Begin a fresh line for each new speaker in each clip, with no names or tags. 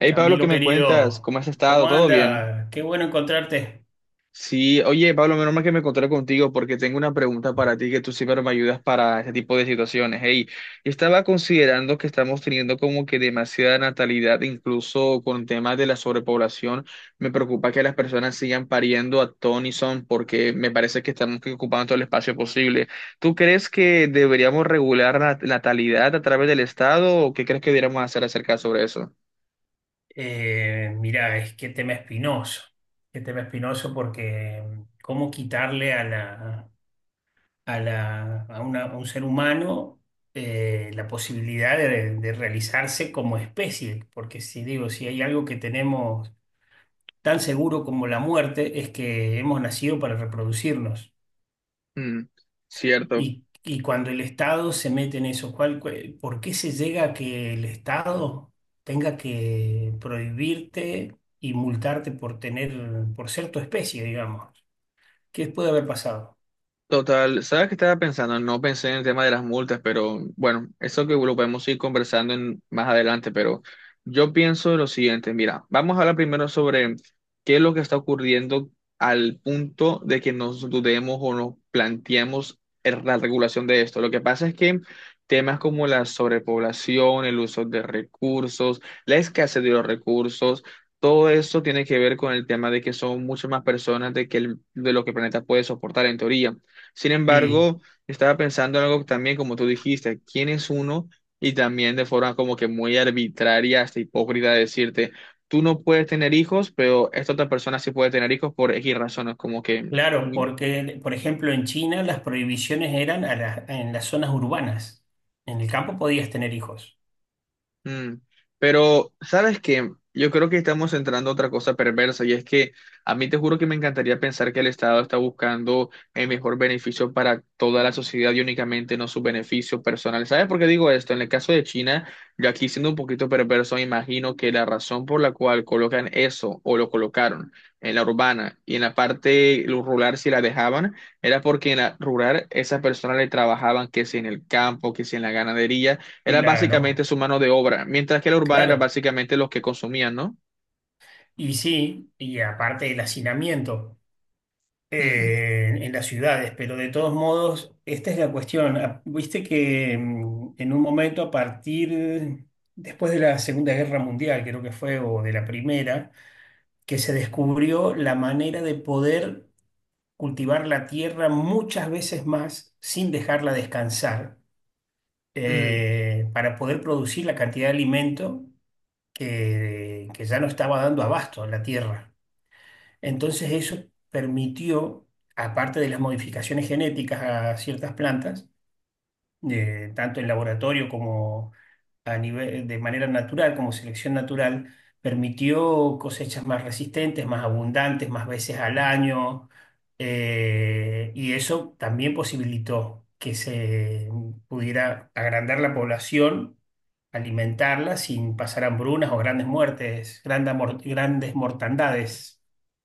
Hey Pablo, ¿qué
Camilo
me cuentas?
querido,
¿Cómo has estado?
¿cómo
¿Todo bien?
anda? Qué bueno encontrarte.
Sí, oye Pablo, menos mal que me encontré contigo porque tengo una pregunta para ti que tú siempre me ayudas para este tipo de situaciones. Hey, yo estaba considerando que estamos teniendo como que demasiada natalidad, incluso con temas de la sobrepoblación. Me preocupa que las personas sigan pariendo a ton y son porque me parece que estamos que ocupando todo el espacio posible. ¿Tú crees que deberíamos regular la natalidad a través del Estado o qué crees que deberíamos hacer acerca sobre eso?
Mira, es que tema espinoso, qué tema espinoso porque cómo quitarle a un ser humano la posibilidad de realizarse como especie, porque si hay algo que tenemos tan seguro como la muerte, es que hemos nacido para reproducirnos.
Mm, cierto.
Y cuando el Estado se mete en eso, ¿ por qué se llega a que el Estado tenga que prohibirte y multarte por tener, por ser tu especie, digamos? ¿Qué puede haber pasado?
Total, ¿sabes qué estaba pensando? No pensé en el tema de las multas, pero bueno, eso que lo podemos ir conversando más adelante, pero yo pienso lo siguiente, mira, vamos a hablar primero sobre qué es lo que está ocurriendo al punto de que nos dudemos o nos planteemos la regulación de esto. Lo que pasa es que temas como la sobrepoblación, el uso de recursos, la escasez de los recursos, todo eso tiene que ver con el tema de que son muchas más personas de, que de lo que el planeta puede soportar en teoría. Sin
Sí,
embargo, estaba pensando en algo también, como tú dijiste, ¿quién es uno? Y también de forma como que muy arbitraria, hasta hipócrita, decirte, tú no puedes tener hijos, pero esta otra persona sí puede tener hijos por X razones, como que
claro, porque, por ejemplo, en China las prohibiciones eran en las zonas urbanas. En el campo podías tener hijos.
Mm. Pero, ¿sabes qué? Yo creo que estamos entrando a otra cosa perversa y es que a mí te juro que me encantaría pensar que el Estado está buscando el mejor beneficio para toda la sociedad y únicamente no su beneficio personal. ¿Sabes por qué digo esto? En el caso de China, yo aquí siendo un poquito perverso, imagino que la razón por la cual colocan eso o lo colocaron en la urbana y en la parte rural si la dejaban, era porque en la rural esas personas le trabajaban que si en el campo, que si en la ganadería era básicamente
Claro,
su mano de obra, mientras que la urbana era
claro.
básicamente los que consumían, ¿no?
Y sí, y aparte el hacinamiento
Mm,
en las ciudades, pero de todos modos, esta es la cuestión. Ah, viste que en un momento después de la Segunda Guerra Mundial, creo que fue, o de la Primera, que se descubrió la manera de poder cultivar la tierra muchas veces más sin dejarla descansar,
mm.
para poder producir la cantidad de alimento que ya no estaba dando abasto a la tierra. Entonces eso permitió, aparte de las modificaciones genéticas a ciertas plantas, tanto en laboratorio como a nivel, de manera natural, como selección natural, permitió cosechas más resistentes, más abundantes, más veces al año, y eso también posibilitó que se pudiera agrandar la población, alimentarla sin pasar hambrunas o grandes muertes, grandes mortandades.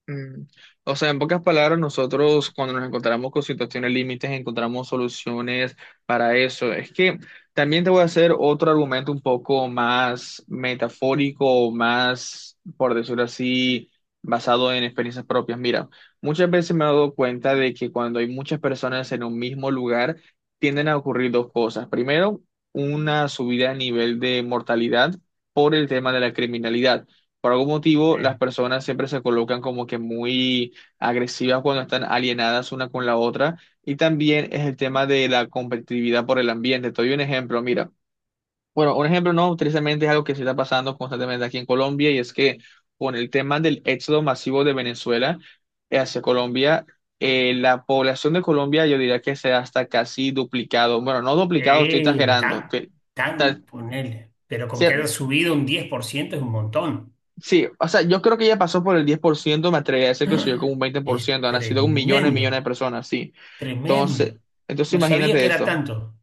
Mm. O sea, en pocas palabras, nosotros cuando nos encontramos con situaciones límites, encontramos soluciones para eso. Es que también te voy a hacer otro argumento un poco más metafórico, o más, por decirlo así, basado en experiencias propias. Mira, muchas veces me he dado cuenta de que cuando hay muchas personas en un mismo lugar, tienden a ocurrir dos cosas. Primero, una subida a nivel de mortalidad por el tema de la criminalidad. Por algún motivo, las personas siempre se colocan como que muy agresivas cuando están alienadas una con la otra. Y también es el tema de la competitividad por el ambiente. Te doy un ejemplo, mira. Bueno, un ejemplo no, tristemente es algo que se está pasando constantemente aquí en Colombia y es que con el tema del éxodo masivo de Venezuela hacia Colombia, la población de Colombia yo diría que se ha hasta casi duplicado. Bueno, no duplicado, estoy exagerando.
Tan,
Que-
tan, ponele. Pero con que haya subido un 10% es un montón.
Sí, o sea, yo creo que ya pasó por el 10%, me atrevería a decir que subió como un veinte por
Es
ciento. Han nacido millones y millones de
tremendo,
personas, sí. Entonces,
tremendo. No sabía
imagínate
que era
esto.
tanto.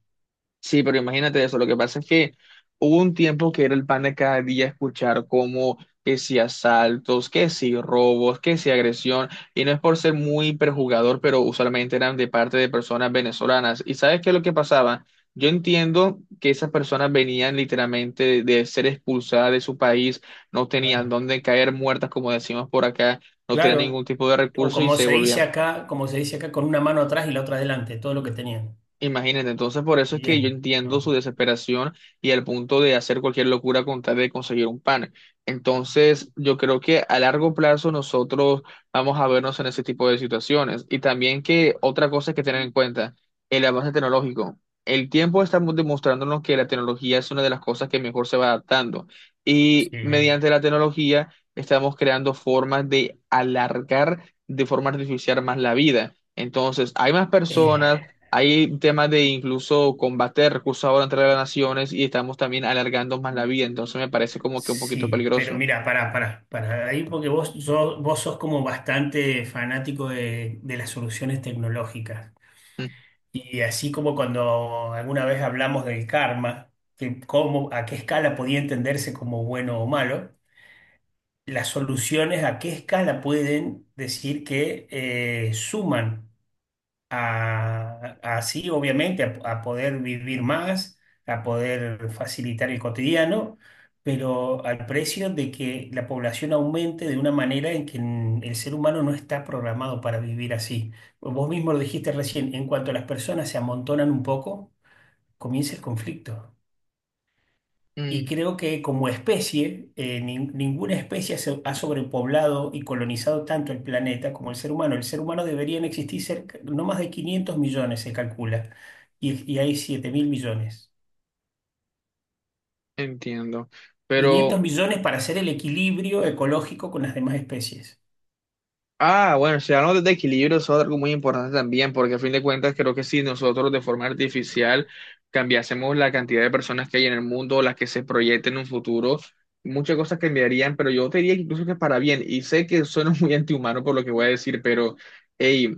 Sí, pero imagínate eso. Lo que pasa es que hubo un tiempo que era el pan de cada día escuchar como que si asaltos, que si robos, que si agresión. Y no es por ser muy perjugador, pero usualmente eran de parte de personas venezolanas. ¿Y sabes qué es lo que pasaba? Yo entiendo que esas personas venían literalmente de ser expulsadas de su país, no tenían
Claro.
dónde caer muertas, como decimos por acá, no tenían
Claro.
ningún tipo de
O
recurso y
como
se
se dice
volvían.
acá, como se dice acá, con una mano atrás y la otra adelante, todo lo que tenían.
Imagínate, entonces por eso es que yo
Bien.
entiendo su desesperación y el punto de hacer cualquier locura con tal de conseguir un pan. Entonces, yo creo que a largo plazo nosotros vamos a vernos en ese tipo de situaciones. Y también que otra cosa que tener en cuenta, el avance tecnológico. El tiempo está demostrándonos que la tecnología es una de las cosas que mejor se va adaptando. Y
Sí.
mediante la tecnología estamos creando formas de alargar de forma artificial más la vida. Entonces, hay más personas,
Eh,
hay temas de incluso combate de recursos ahora entre las naciones y estamos también alargando más la vida, entonces me parece como que un poquito
sí, pero
peligroso.
mira, para ahí, porque vos, vos sos como bastante fanático de las soluciones tecnológicas.
Mm,
Y así como cuando alguna vez hablamos del karma, que cómo, a qué escala podía entenderse como bueno o malo, las soluciones a qué escala pueden decir que suman así, obviamente, a poder vivir más, a poder facilitar el cotidiano, pero al precio de que la población aumente de una manera en que el ser humano no está programado para vivir así. Vos mismo lo dijiste recién, en cuanto las personas se amontonan un poco, comienza el conflicto. Y
mm,
creo que como especie, ninguna especie ha sobrepoblado y colonizado tanto el planeta como el ser humano. El ser humano deberían existir no más de 500 millones, se calcula, y hay 7 mil millones.
entiendo.
500
Pero,
millones para hacer el equilibrio ecológico con las demás especies.
ah, bueno, si hablamos de equilibrio, eso es algo muy importante también, porque a fin de cuentas creo que si nosotros de forma artificial cambiásemos la cantidad de personas que hay en el mundo, las que se proyecten en un futuro, muchas cosas cambiarían, pero yo te diría incluso que para bien, y sé que suena muy antihumano por lo que voy a decir, pero... hey.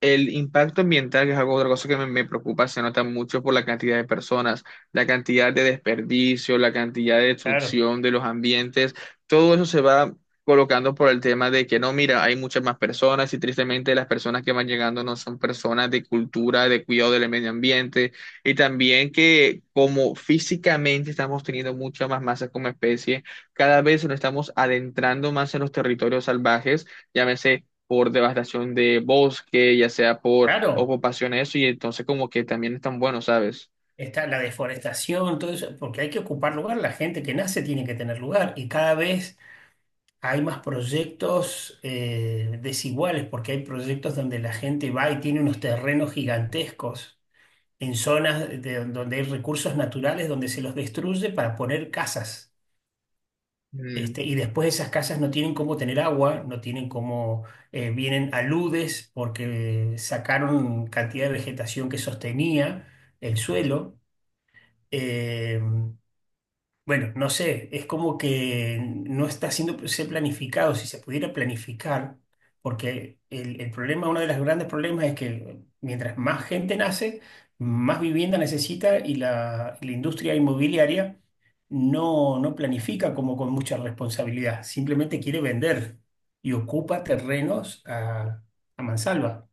El impacto ambiental, que es algo otra cosa que me preocupa, se nota mucho por la cantidad de personas, la cantidad de desperdicio, la cantidad de
Claro.
destrucción de los ambientes, todo eso se va colocando por el tema de que no, mira, hay muchas más personas y tristemente las personas que van llegando no son personas de cultura, de cuidado del medio ambiente y también que como físicamente estamos teniendo mucha más masa como especie, cada vez nos estamos adentrando más en los territorios salvajes, llámese por devastación de bosque, ya sea por
Claro,
ocupación, eso, y entonces como que también están buenos, ¿sabes?
está la deforestación, todo eso, porque hay que ocupar lugar, la gente que nace tiene que tener lugar y cada vez hay más proyectos desiguales, porque hay proyectos donde la gente va y tiene unos terrenos gigantescos en zonas donde hay recursos naturales, donde se los destruye para poner casas. Este, y después esas casas no tienen cómo tener agua, no tienen cómo, vienen aludes porque sacaron cantidad de vegetación que sostenía el suelo. Eh, bueno, no sé, es como que no está siendo se planificado. Si se pudiera planificar, porque el problema, uno de los grandes problemas es que mientras más gente nace, más vivienda necesita y la industria inmobiliaria no, no planifica como con mucha responsabilidad, simplemente quiere vender y ocupa terrenos a mansalva.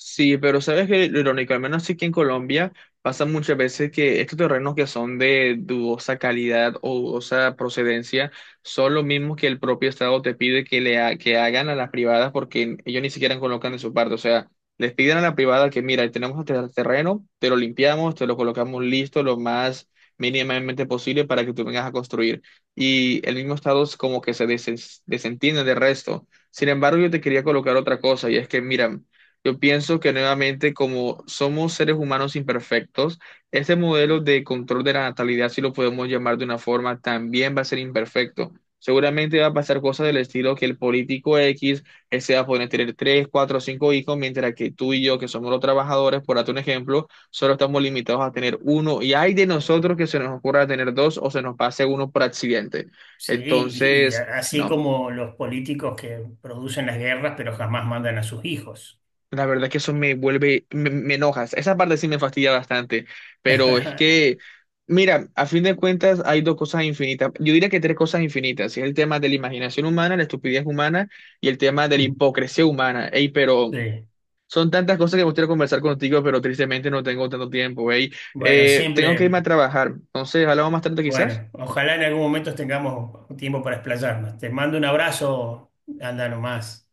Sí, pero sabes que lo irónico, al menos aquí en Colombia, pasa muchas veces que estos terrenos que son de dudosa calidad o dudosa procedencia son los mismos que el propio Estado te pide que que hagan a las privadas porque ellos ni siquiera colocan de su parte. O sea, les piden a la privada que, mira, tenemos este terreno, te lo limpiamos, te lo colocamos listo lo más mínimamente posible para que tú vengas a construir. Y el mismo Estado es como que desentiende del resto. Sin embargo, yo te quería colocar otra cosa y es que, mira, yo pienso que nuevamente, como somos seres humanos imperfectos, este modelo de control de la natalidad, si lo podemos llamar de una forma, también va a ser imperfecto. Seguramente va a pasar cosas del estilo que el político X, él se va a poder tener tres, cuatro, cinco hijos, mientras que tú y yo, que somos los trabajadores, por darte un ejemplo, solo estamos limitados a tener uno. Y hay de nosotros que se nos ocurra tener dos o se nos pase uno por accidente.
Sí, y
Entonces,
así
no.
como los políticos que producen las guerras, pero jamás mandan a sus hijos.
La verdad que eso me enoja. Esa parte sí me fastidia bastante, pero es que, mira, a fin de cuentas hay dos cosas infinitas. Yo diría que tres cosas infinitas. Es el tema de la imaginación humana, la estupidez humana y el tema de la hipocresía humana. Ey, pero
Sí,
son tantas cosas que me gustaría conversar contigo, pero tristemente no tengo tanto tiempo. Ey,
bueno,
Tengo que
siempre,
irme a trabajar. Entonces, hablamos más tarde quizás.
bueno, ojalá en algún momento tengamos tiempo para explayarnos. Te mando un abrazo, anda nomás.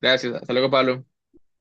Gracias. Hasta luego, Pablo.